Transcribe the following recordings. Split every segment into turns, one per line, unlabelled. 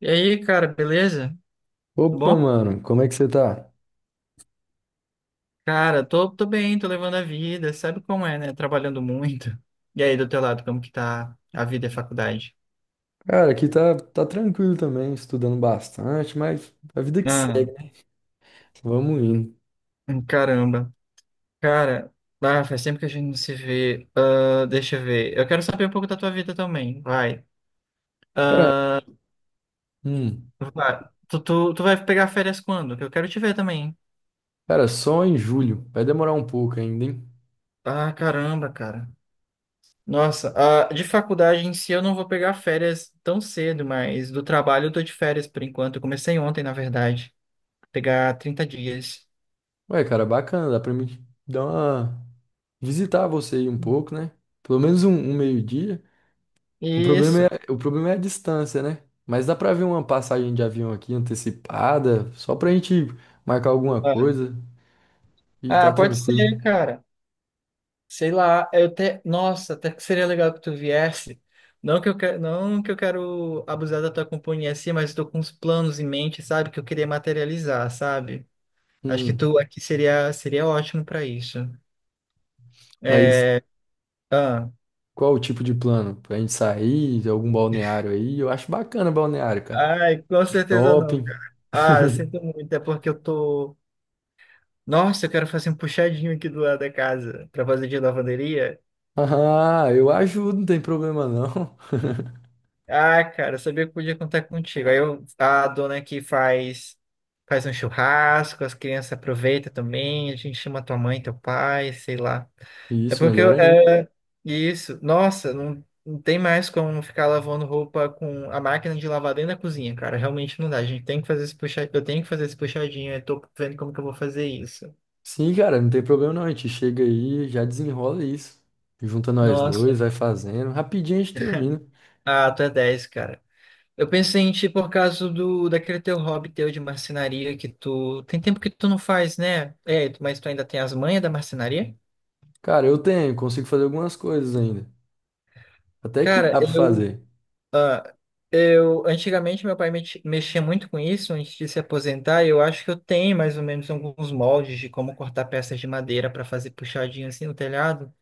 E aí, cara, beleza? Tudo
Opa,
bom?
mano, como é que você tá?
Cara, tô bem, tô levando a vida, sabe como é, né? Trabalhando muito. E aí, do teu lado, como que tá a vida e a faculdade?
Cara, aqui tá tranquilo também, estudando bastante, mas a vida que segue,
Ah,
né? Vamos indo.
caramba. Cara, faz tempo que a gente não se vê. Ah, deixa eu ver. Eu quero saber um pouco da tua vida também, vai.
Cara, hum,
Vai. Tu vai pegar férias quando? Que eu quero te ver também.
cara, só em julho, vai demorar um pouco ainda, hein?
Ah, caramba, cara. Nossa, de faculdade em si eu não vou pegar férias tão cedo, mas do trabalho eu tô de férias por enquanto. Eu comecei ontem, na verdade. Pegar 30 dias.
Ué, cara, bacana, dá pra mim dar uma... visitar você aí um pouco, né? Pelo menos um meio-dia. O problema é,
Isso.
o problema é a distância, né? Mas dá pra ver uma passagem de avião aqui antecipada, só pra gente marcar alguma
Vai.
coisa e
Ah,
tá
pode
tranquilo.
ser, cara. Sei lá, eu até. Nossa, até que seria legal que tu viesse. Não que eu quero abusar da tua companhia assim, mas estou com uns planos em mente, sabe? Que eu queria materializar, sabe? Acho que
Hum,
tu aqui seria ótimo para isso. É,
mas...
ah,
Qual o tipo de plano? Pra gente sair, algum balneário aí? Eu acho bacana balneário, cara.
ai, com certeza não,
Shopping.
cara. Ah, eu sinto muito, é porque eu tô. Nossa, eu quero fazer um puxadinho aqui do lado da casa para fazer de lavanderia.
Ah, eu ajudo, não tem problema não.
Ah, cara, eu sabia que podia contar contigo. Aí eu- a dona aqui faz um churrasco, as crianças aproveitam também, a gente chama tua mãe, teu pai, sei lá. É
Isso,
porque
melhor
eu,
ainda.
é, isso, nossa, não tem mais como ficar lavando roupa com a máquina de lavar dentro da cozinha, cara. Realmente não dá. A gente tem que fazer esse puxadinho, eu tenho que fazer esse puxadinho, eu tô vendo como que eu vou fazer isso.
Sim, cara, não tem problema não. A gente chega aí, já desenrola isso. Junta nós
Nossa,
dois, vai fazendo. Rapidinho a gente termina.
ah, tu é 10, cara. Eu pensei em ti por causa do daquele teu hobby teu de marcenaria que tu tem tempo que tu não faz, né? É, tu- mas tu ainda tem as manhas da marcenaria?
Cara, consigo fazer algumas coisas ainda. Até que
Cara,
dá pra
eu
fazer.
eu antigamente meu pai mex- mexia muito com isso antes de se aposentar, e eu acho que eu tenho mais ou menos alguns moldes de como cortar peças de madeira para fazer puxadinho assim no telhado.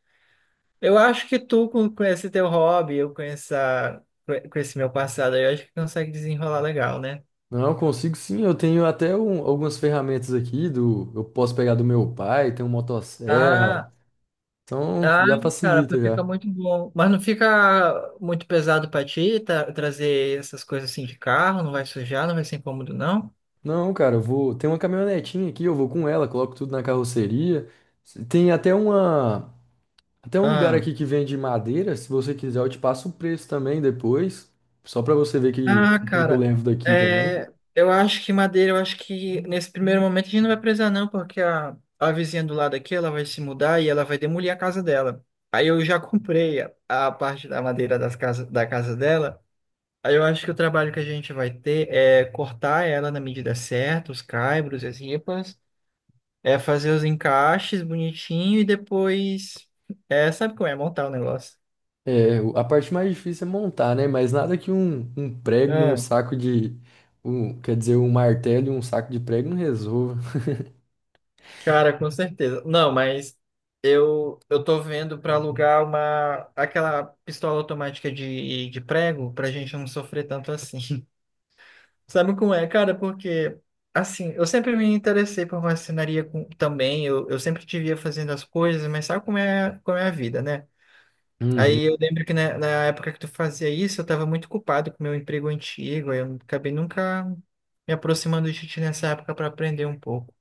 Eu acho que tu com esse teu hobby, eu com essa com esse meu passado, aí, eu acho que consegue desenrolar legal, né?
Não, eu consigo sim. Eu tenho até um- Algumas ferramentas aqui do, eu posso pegar do meu pai, tem um motosserra.
Ah,
Então
ah,
já
cara,
facilita
fica
já.
muito bom. Mas não fica muito pesado pra ti tra- trazer essas coisas assim de carro? Não vai sujar, não vai ser incômodo, não?
Não, cara, eu vou. Tem uma caminhonetinha aqui, eu vou com ela, coloco tudo na carroceria. Tem até uma. Até um lugar
Ah,
aqui que vende madeira. Se você quiser, eu te passo o preço também depois. Só pra você ver o que é que eu
cara,
levo daqui também.
é, eu acho que madeira, eu acho que nesse primeiro momento a gente não vai precisar, não, porque a vizinha do lado aqui, ela vai se mudar e ela vai demolir a casa dela. Aí eu já comprei a parte da madeira das casa, da casa dela. Aí eu acho que o trabalho que a gente vai ter é cortar ela na medida certa, os caibros, as ripas. É fazer os encaixes bonitinho e depois. É, sabe como é montar o negócio?
É, a parte mais difícil é montar, né? Mas nada que um prego e um
Ah,
saco de quer dizer, um martelo e um saco de prego não resolva.
cara, com certeza. Não, mas eu tô vendo pra alugar uma aquela pistola automática de prego pra gente não sofrer tanto assim. Sabe como é, cara? Porque assim, eu sempre me interessei por marcenaria com- também, eu sempre te via fazendo as coisas, mas sabe como é a vida, né?
Uhum.
Aí eu lembro que na época que tu fazia isso, eu tava muito culpado com o meu emprego antigo, aí eu acabei nunca me aproximando de ti nessa época para aprender um pouco.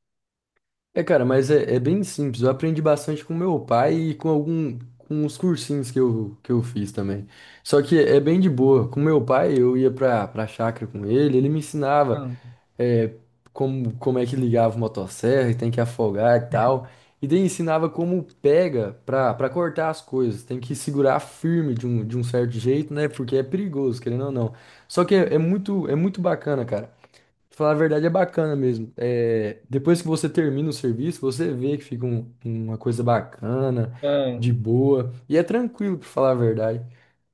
Cara, mas é bem simples. Eu aprendi bastante com meu pai e com algum, com os cursinhos que eu fiz também. Só que é bem de boa. Com meu pai, eu ia pra chácara com ele, ele me ensinava
Ah,
é, como, como é que ligava o motosserra e tem que afogar e tal. E daí ensinava como pega pra cortar as coisas. Tem que segurar firme de de um certo jeito, né? Porque é perigoso, querendo ou não. Só que é muito bacana, cara. Falar a verdade é bacana mesmo. É, depois que você termina o serviço, você vê que fica uma coisa bacana,
ah.
de boa, e é tranquilo, pra falar a verdade.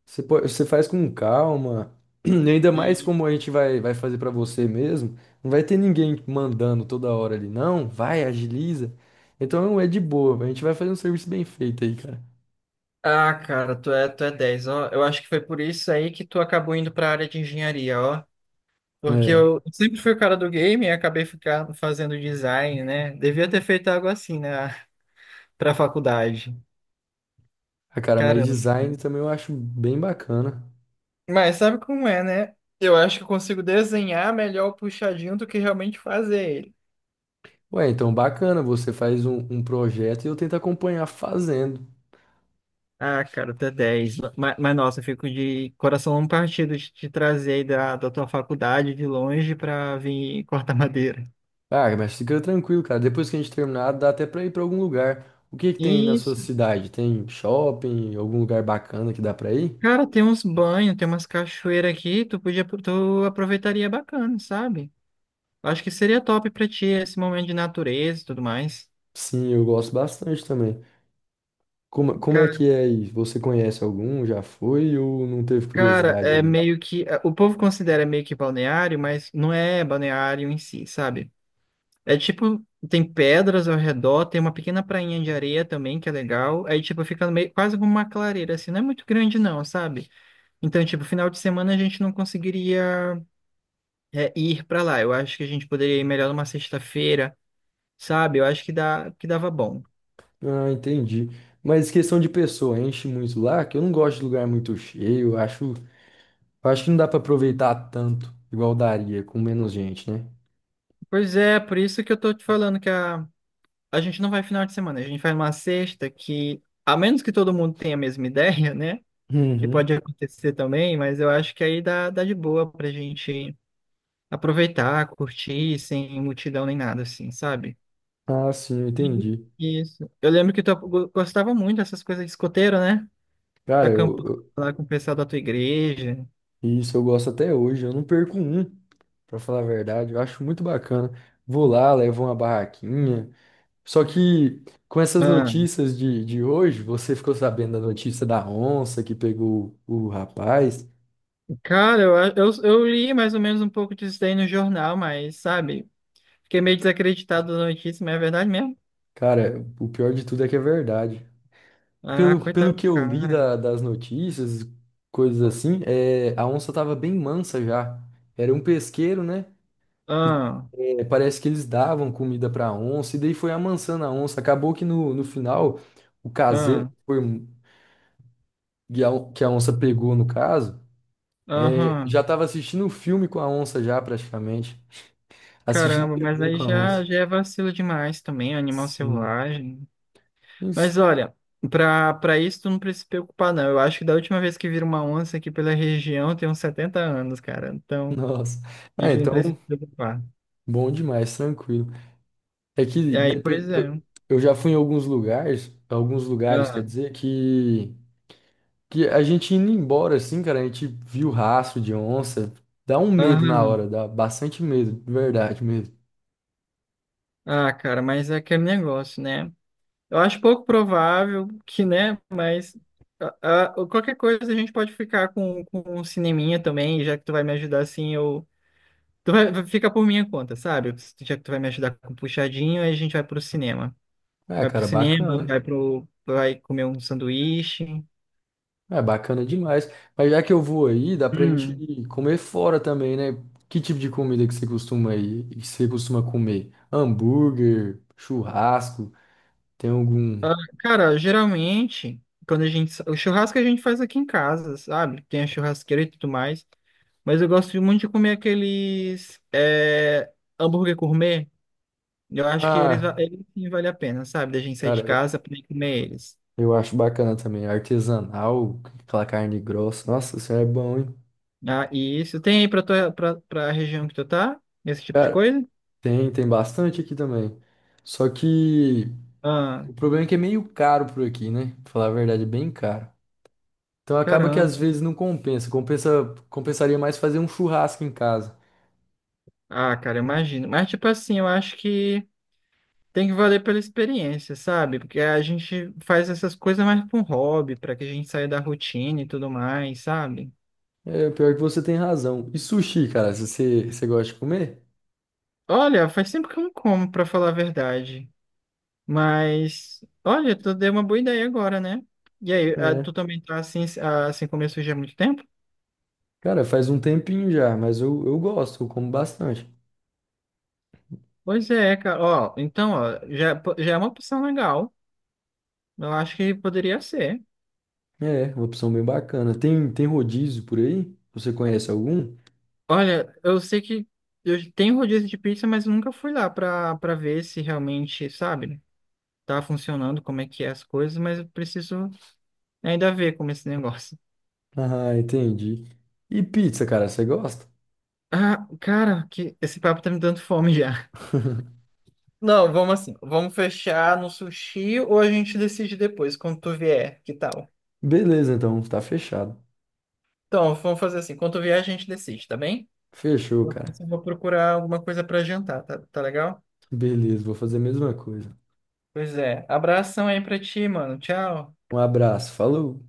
Você faz com calma, e ainda mais
E,
como a gente vai fazer pra você mesmo. Não vai ter ninguém mandando toda hora ali, não, vai, agiliza. Então é de boa, a gente vai fazer um serviço bem feito aí, cara.
ah, cara, tu é 10, ó. Eu acho que foi por isso aí que tu acabou indo para a área de engenharia, ó. Porque
É,
eu sempre fui o cara do game e acabei ficando fazendo design, né? Devia ter feito algo assim, né, pra faculdade.
ah, cara, mas
Caramba. Né?
design também eu acho bem bacana.
Mas sabe como é, né? Eu acho que eu consigo desenhar melhor o puxadinho do que realmente fazer.
Ué, então bacana, você faz um projeto e eu tento acompanhar fazendo.
Ah, cara, até 10. Nossa, eu fico de coração partido de te trazer aí da, da tua faculdade de longe pra vir cortar madeira.
Ah, mas fica tranquilo, cara. Depois que a gente terminar, dá até pra ir pra algum lugar. O que que tem na sua
Isso.
cidade? Tem shopping, algum lugar bacana que dá pra ir?
Cara, tem uns banhos, tem umas cachoeiras aqui, tu podia, tu aproveitaria bacana, sabe? Acho que seria top pra ti esse momento de natureza e tudo mais.
Sim, eu gosto bastante também. Como é
Ca-
que é aí? Você conhece algum? Já foi ou não teve
cara,
curiosidade
é
ainda?
meio que. O povo considera meio que balneário, mas não é balneário em si, sabe? É tipo, tem pedras ao redor, tem uma pequena prainha de areia também, que é legal. Aí, tipo, fica meio, quase como uma clareira, assim, não é muito grande não, sabe? Então, tipo, final de semana a gente não conseguiria é, ir pra lá. Eu acho que a gente poderia ir melhor numa sexta-feira, sabe? Eu acho que dá, que dava bom.
Ah, entendi. Mas questão de pessoa, enche muito lá, que eu não gosto de lugar muito cheio. Eu acho que não dá pra aproveitar tanto, igual daria, com menos gente, né?
Pois é, por isso que eu tô te falando que a gente não vai final de semana, a gente vai numa sexta que, a menos que todo mundo tenha a mesma ideia, né? Que
Uhum.
pode acontecer também, mas eu acho que aí dá de boa pra gente aproveitar, curtir, sem multidão nem nada, assim, sabe?
Ah, sim, eu
Uhum.
entendi.
Isso. Eu lembro que tu go- gostava muito dessas coisas de escoteiro, né?
Cara,
Acampar
eu
lá com o pessoal da tua igreja.
E isso eu gosto até hoje. Eu não perco um, Pra falar a verdade, eu acho muito bacana. Vou lá, levo uma barraquinha. Só que com essas
Ah,
notícias de hoje, você ficou sabendo da notícia da onça que pegou o rapaz.
cara, eu li mais ou menos um pouco disso daí no jornal, mas, sabe? Fiquei meio desacreditado da notícia, mas é verdade mesmo?
Cara, o pior de tudo é que é verdade.
Ah,
Pelo
coitado do
que eu li
cara.
das notícias, coisas assim, é, a onça tava bem mansa já. Era um pesqueiro, né?
Ah,
E, é, parece que eles davam comida para onça, e daí foi amansando a onça. Acabou que no final, o caseiro
ah,
que foi- um, que a on- que a onça pegou, no caso, é,
aham.
já estava assistindo um filme com a onça, já praticamente. Assistindo
Caramba, mas
TV
aí
com a
já,
onça.
já é vacilo demais também, animal
Sim.
selvagem. Mas
Isso.
olha, pra isso tu não precisa se preocupar, não. Eu acho que da última vez que vira uma onça aqui pela região tem uns 70 anos, cara. Então,
Nossa.
a
Ah,
gente não
então,
precisa se preocupar.
bom demais, tranquilo. É que
E aí,
depe-
pois é.
eu, eu já fui em alguns lugares, quer
Ah,
dizer, que. Que a gente indo embora, assim, cara, a gente viu rastro de onça. Dá um medo na
aham.
hora, dá bastante medo, de verdade mesmo.
Ah, cara, mas é aquele negócio, né? Eu acho pouco provável que, né? Mas ah, ah, qualquer coisa a gente pode ficar com um cineminha também, já que tu vai me ajudar assim, eu. Tu vai, vai ficar por minha conta, sabe? Já que tu vai me ajudar com puxadinho, aí a gente vai pro cinema.
É,
Vai pro
cara,
cinema,
bacana.
vai pro, vai comer um sanduíche.
É bacana demais. Mas já que eu vou aí, dá pra gente
Hum.
ir comer fora também, né? Que tipo de comida que você costuma aí, que você costuma comer? Hambúrguer, churrasco, tem algum.
Ah, cara, geralmente, quando a gente. Sa- o churrasco a gente faz aqui em casa, sabe? Tem a churrasqueira e tudo mais. Mas eu gosto muito de comer aqueles é, hambúrguer gourmet. Eu acho que eles, va-
Ah,
eles sim vale a pena, sabe? Da gente sair
cara,
de casa pra ir comer eles.
eu acho bacana também. Artesanal, aquela carne grossa. Nossa, isso é bom, hein?
Ah, e isso tem aí pra, tua, pra, pra região que tu tá? Esse tipo de
Cara,
coisa?
tem bastante aqui também. Só que.
Ah,
O problema é que é meio caro por aqui, né? Pra falar a verdade, é bem caro. Então acaba que
caramba.
às vezes não compensa. Compensaria mais fazer um churrasco em casa.
Ah, cara, eu imagino. Mas, tipo assim, eu acho que. Tem que valer pela experiência, sabe? Porque a gente faz essas coisas mais para um hobby, para que a gente saia da rotina e tudo mais, sabe?
É, pior que você tem razão. E sushi, cara, se você, você gosta de comer?
Olha, faz tempo que eu não como, para falar a verdade. Mas, olha, tu deu uma boa ideia agora, né? E aí, ah,
É.
tu também tá assim, ah, assim como eu surgi há muito tempo?
Cara, faz um tempinho já, mas eu gosto, eu como bastante.
Pois é, cara. Ó, então, ó, já é uma opção legal. Eu acho que poderia ser.
É, uma opção bem bacana. Tem rodízio por aí? Você conhece algum?
Olha, eu sei que eu tenho rodízio de pizza, mas nunca fui lá para para ver se realmente, sabe? Tá funcionando, como é que é as coisas, mas eu preciso ainda ver como é esse negócio.
Ah, entendi. E pizza, cara, você gosta?
Ah, cara, que esse papo tá me dando fome já. Não, vamos assim. Vamos fechar no sushi ou a gente decide depois, quando tu vier, que tal?
Beleza, então, tá fechado.
Então, vamos fazer assim. Quando tu vier, a gente decide, tá bem?
Fechou,
Eu
cara.
preciso- vou procurar alguma coisa pra jantar, tá, tá legal?
Beleza, vou fazer a mesma coisa.
Pois é. Abração aí pra ti, mano. Tchau.
Um abraço, falou!